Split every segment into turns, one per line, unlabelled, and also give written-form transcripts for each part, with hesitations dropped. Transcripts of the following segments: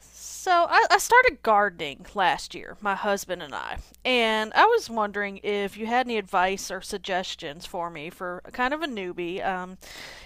So I started gardening last year, my husband and I was wondering if you had any advice or suggestions for me for a kind of a newbie.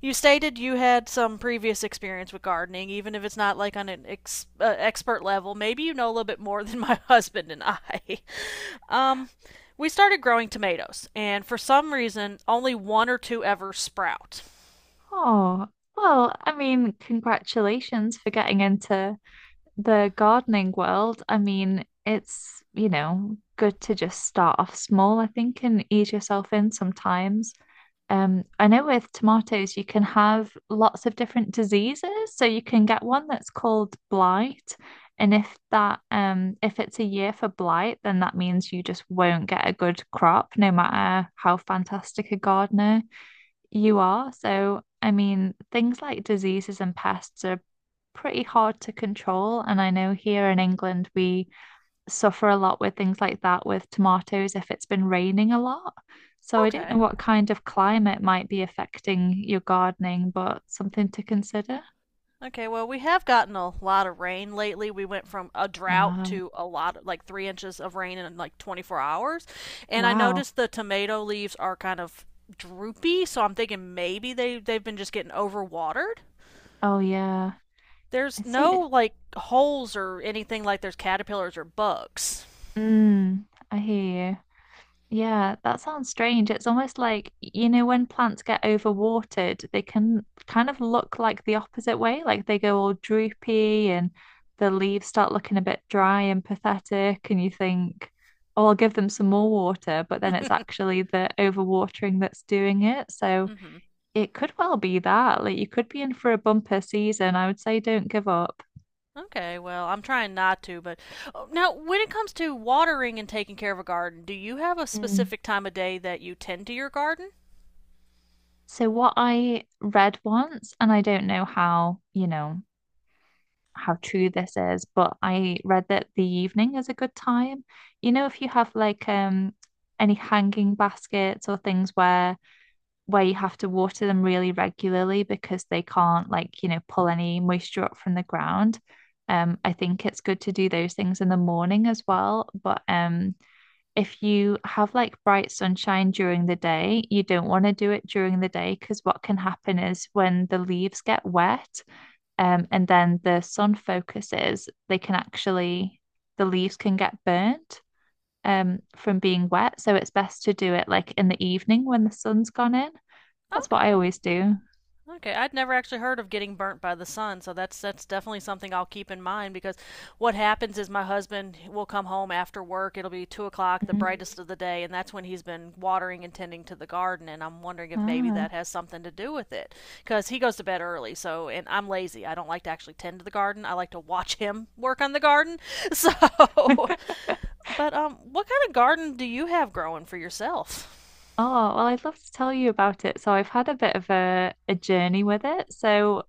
You stated you had some previous experience with gardening, even if it's not like on an expert level. Maybe you know a little bit more than my husband and I. Um, we started growing tomatoes, and for some reason, only one or two ever sprout.
Oh, well, I mean, congratulations for getting into the gardening world. I mean, it's good to just start off small, I think, and ease yourself in sometimes. I know with tomatoes, you can have lots of different diseases. So you can get one that's called blight. And if it's a year for blight, then that means you just won't get a good crop, no matter how fantastic a gardener you are. So, I mean, things like diseases and pests are pretty hard to control. And I know here in England, we suffer a lot with things like that with tomatoes if it's been raining a lot. So, I don't know
Okay.
what kind of climate might be affecting your gardening, but something to consider.
Okay, well, we have gotten a lot of rain lately. We went from a drought
Ah,
to a lot of, like 3 inches of rain in like 24 hours. And I
wow.
noticed the tomato leaves are kind of droopy, so I'm thinking maybe they've been just getting overwatered.
Oh, yeah.
There's
It's so,
no like holes or anything like there's caterpillars or bugs.
mm, I hear you. Yeah, that sounds strange. It's almost like, when plants get overwatered, they can kind of look like the opposite way, like they go all droopy and the leaves start looking a bit dry and pathetic, and you think, oh, I'll give them some more water, but then it's actually the overwatering that's doing it. So
Hmm.
it could well be that. Like you could be in for a bumper season. I would say don't give up.
Okay, well, I'm trying not to, but oh, now when it comes to watering and taking care of a garden, do you have a
Mm.
specific time of day that you tend to your garden?
So what I read once, and I don't know how, you know. How true this is, but I read that the evening is a good time. You know, if you have any hanging baskets or things where you have to water them really regularly because they can't like, pull any moisture up from the ground. I think it's good to do those things in the morning as well. But if you have like bright sunshine during the day, you don't want to do it during the day because what can happen is when the leaves get wet, and then the sun focuses, the leaves can get burnt from being wet. So it's best to do it like in the evening when the sun's gone in. That's what I
Okay.
always do.
Okay, I'd never actually heard of getting burnt by the sun, so that's definitely something I'll keep in mind because what happens is my husband will come home after work. It'll be 2 o'clock, the
Mm.
brightest of the day, and that's when he's been watering and tending to the garden. And I'm wondering if maybe that
Ah.
has something to do with it because he goes to bed early. So, and I'm lazy. I don't like to actually tend to the garden. I like to watch him work on the garden. So, but what kind of garden do you have growing for yourself?
Oh, well, I'd love to tell you about it. So I've had a bit of a journey with it. So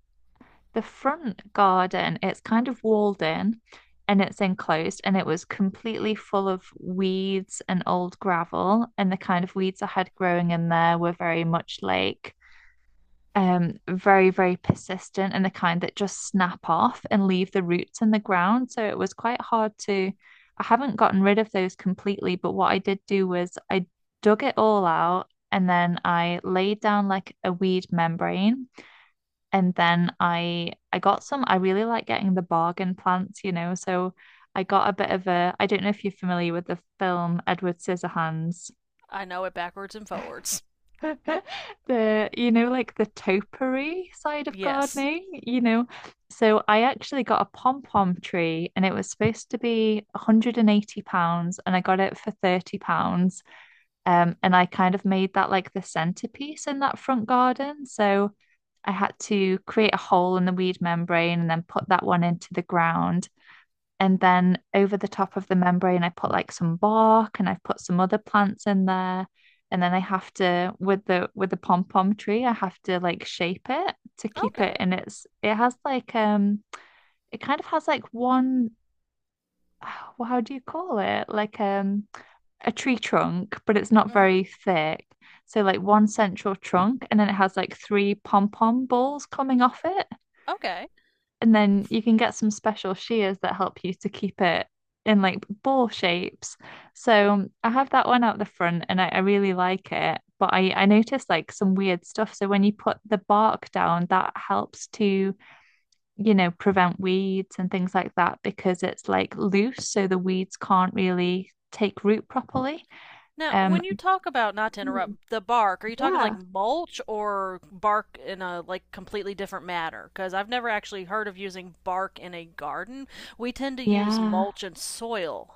the front garden, it's kind of walled in and it's enclosed and it was completely full of weeds and old gravel. And the kind of weeds I had growing in there were very much very, very persistent and the kind that just snap off and leave the roots in the ground. So it was quite hard to I haven't gotten rid of those completely, but what I did do was I dug it all out and then I laid down like a weed membrane and then I got some, I really like getting the bargain plants. So I got a bit of a, I don't know if you're familiar with the film Edward Scissorhands.
I know it backwards and forwards.
The topiary side of
Yes.
gardening. So I actually got a pom-pom tree and it was supposed to be 180 pounds and I got it for 30 pounds. And I kind of made that like the centerpiece in that front garden. So I had to create a hole in the weed membrane and then put that one into the ground. And then over the top of the membrane, I put like some bark and I've put some other plants in there. And then I have to with the pom pom tree, I have to like shape it to keep it
Okay.
in its it kind of has like one Well, how do you call it? A tree trunk, but it's not
Mm hmm.
very thick. So like one central trunk, and then it has like three pom pom balls coming off it.
Okay.
And then you can get some special shears that help you to keep it in like ball shapes. So I have that one out the front and I really like it. But I noticed like some weird stuff. So when you put the bark down, that helps to prevent weeds and things like that because it's like loose. So the weeds can't really take root properly.
Now,
Um,
when you talk about, not to interrupt, the bark, are you talking
Yeah,
like mulch or bark in a like completely different matter? Because I've never actually heard of using bark in a garden. We tend to use
yeah.
mulch and soil.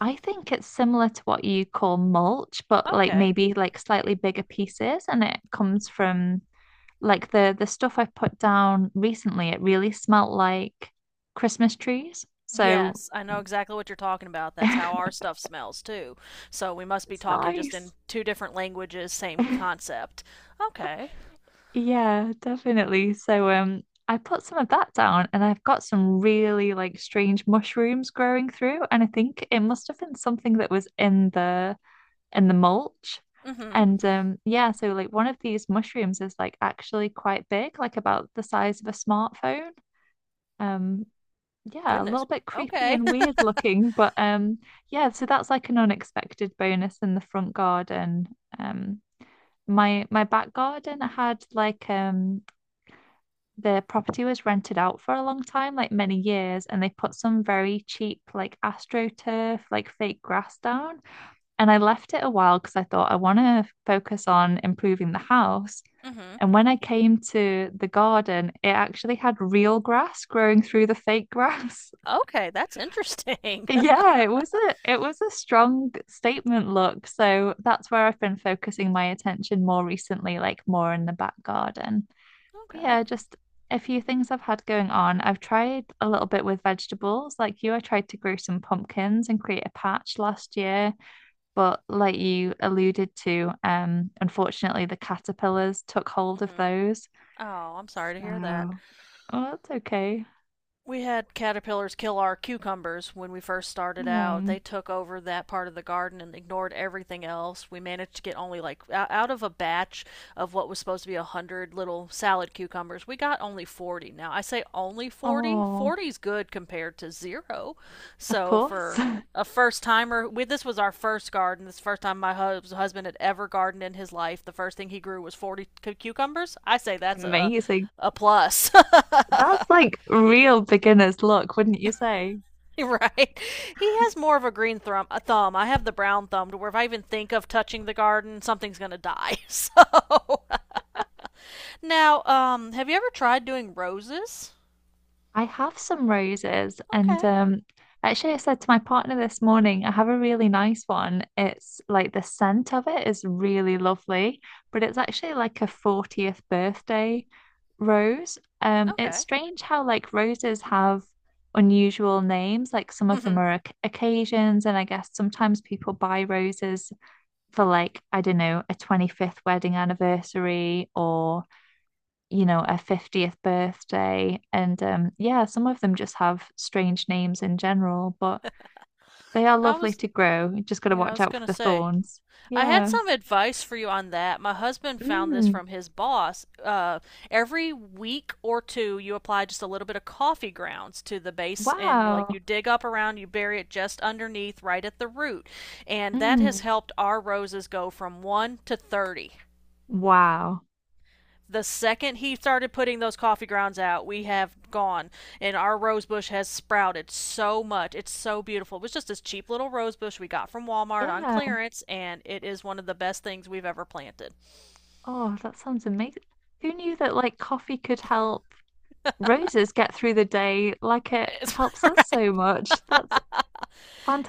I think it's similar to what you call mulch, but like
Okay.
maybe like slightly bigger pieces, and it comes from. Like the stuff I put down recently, it really smelt like Christmas trees. So
Yes, I know exactly what you're talking about. That's how our
it's
stuff smells too. So we must be talking just
nice.
in two different languages, same concept. Okay.
Yeah, definitely. So I put some of that down and I've got some really like strange mushrooms growing through and I think it must have been something that was in the mulch.
Mm-hmm.
And yeah, so like one of these mushrooms is like actually quite big, like about the size of a smartphone. Um Yeah, a little
Goodness.
bit creepy
Okay.
and weird looking, but yeah, so that's like an unexpected bonus in the front garden. Um my back garden had like the property was rented out for a long time, like many years, and they put some very cheap like AstroTurf, like fake grass down. And I left it a while because I thought I want to focus on improving the house.
Mm-hmm.
And when I came to the garden, it actually had real grass growing through the fake grass.
Okay, that's interesting.
Yeah, it was a strong statement look. So that's where I've been focusing my attention more recently, like more in the back garden. But
Okay.
yeah, just a few things I've had going on. I've tried a little bit with vegetables. Like you, I tried to grow some pumpkins and create a patch last year, but like you alluded to, unfortunately the caterpillars took hold of
Mm-hmm.
those.
Oh, I'm sorry to
So,
hear that.
oh, that's okay.
We had caterpillars kill our cucumbers when we first started out.
Oh,
They took over that part of the garden and ignored everything else. We managed to get only like out of a batch of what was supposed to be a 100 little salad cucumbers, we got only 40. Now, I say only 40.
oh,
40 is good compared to zero.
of
So
course.
for a first timer. We This was our first garden. This first time my husband had ever gardened in his life. The first thing he grew was cucumbers. I say that's a
Amazing.
a plus.
That's like real beginner's luck, wouldn't you say?
Right. He has more of a green thumb. A thumb. I have the brown thumb to where if I even think of touching the garden, something's gonna die. So, now, have you ever tried doing roses?
I have some roses, and
Okay.
actually, I said to my partner this morning, I have a really nice one. It's like the scent of it is really lovely, but it's actually like a 40th birthday rose. It's
Okay.
strange how like roses have unusual names, like some of them
Mhm.
are occasions, and I guess sometimes people buy roses for like, I don't know, a 25th wedding anniversary or a 50th birthday. And yeah, some of them just have strange names in general, but they are
I
lovely
was
to grow. You just got to
Yeah, I
watch
was
out for
gonna
the
say.
thorns.
I had
Yeah.
some advice for you on that. My husband found this
Mm.
from his boss. Every week or two, you apply just a little bit of coffee grounds to the base, and
Wow.
you dig up around, you bury it just underneath, right at the root, and that has
Mm.
helped our roses go from 1 to 30.
Wow.
The second he started putting those coffee grounds out, we have gone, and our rose bush has sprouted so much. It's so beautiful. It was just this cheap little rose bush we got from Walmart on
Yeah.
clearance, and it is one of the best things we've ever planted.
Oh, that sounds amazing. Who knew that like coffee could help roses get through the day like it
It's,
helps us
right.
so much? That's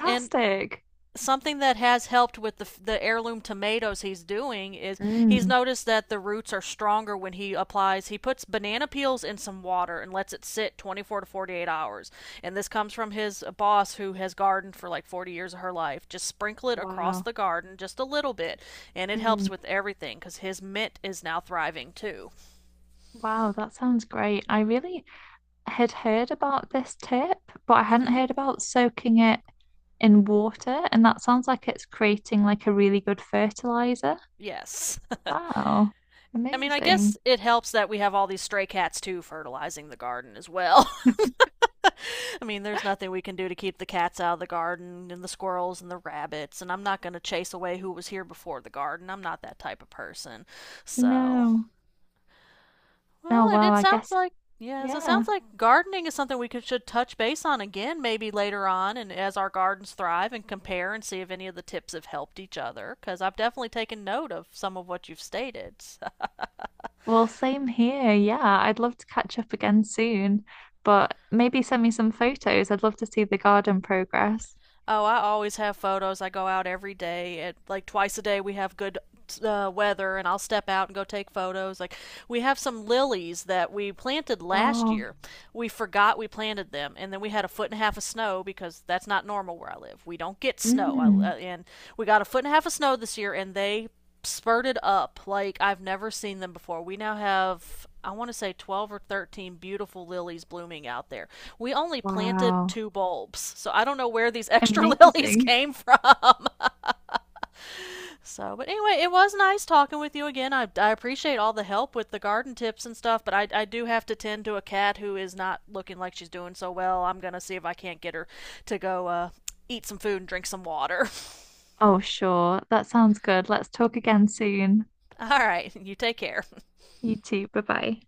And something that has helped with the heirloom tomatoes he's doing is he's
Mm.
noticed that the roots are stronger when he puts banana peels in some water and lets it sit 24 to 48 hours, and this comes from his boss who has gardened for like 40 years of her life. Just sprinkle it across
Wow.
the garden, just a little bit, and it helps
Mm.
with everything because his mint is now thriving too.
Wow, that sounds great. I really had heard about this tip, but I hadn't
Mm-hmm.
heard about soaking it in water, and that sounds like it's creating like a really good fertilizer.
Yes,
Wow,
I mean, I guess
amazing.
it helps that we have all these stray cats too, fertilizing the garden as well. I mean, there's nothing we can do to keep the cats out of the garden and the squirrels and the rabbits, and I'm not going to chase away who was here before the garden. I'm not that type of person. So,
No. Oh,
well, it,
wow,
it
I
sounds
guess,
like, yes, it
yeah.
sounds like gardening is something we should touch base on again maybe later on, and as our gardens thrive and compare and see if any of the tips have helped each other, because I've definitely taken note of some of what you've stated.
Well, same here. Yeah, I'd love to catch up again soon, but maybe send me some photos. I'd love to see the garden progress.
Oh, I always have photos. I go out every day. Like twice a day, we have good weather, and I'll step out and go take photos. Like we have some lilies that we planted last
Oh,
year. We forgot we planted them, and then we had a foot and a half of snow because that's not normal where I live. We don't get snow,
mm,
and we got a foot and a half of snow this year, and they spurted up like I've never seen them before. We now have, I want to say, 12 or 13 beautiful lilies blooming out there. We only planted
wow.
two bulbs, so I don't know where these extra lilies
Amazing.
came from. So, but anyway, it was nice talking with you again. I appreciate all the help with the garden tips and stuff, but I do have to tend to a cat who is not looking like she's doing so well. I'm going to see if I can't get her to go eat some food and drink some water.
Oh, sure. That sounds good. Let's talk again soon.
All right, you take care.
You too. Bye bye.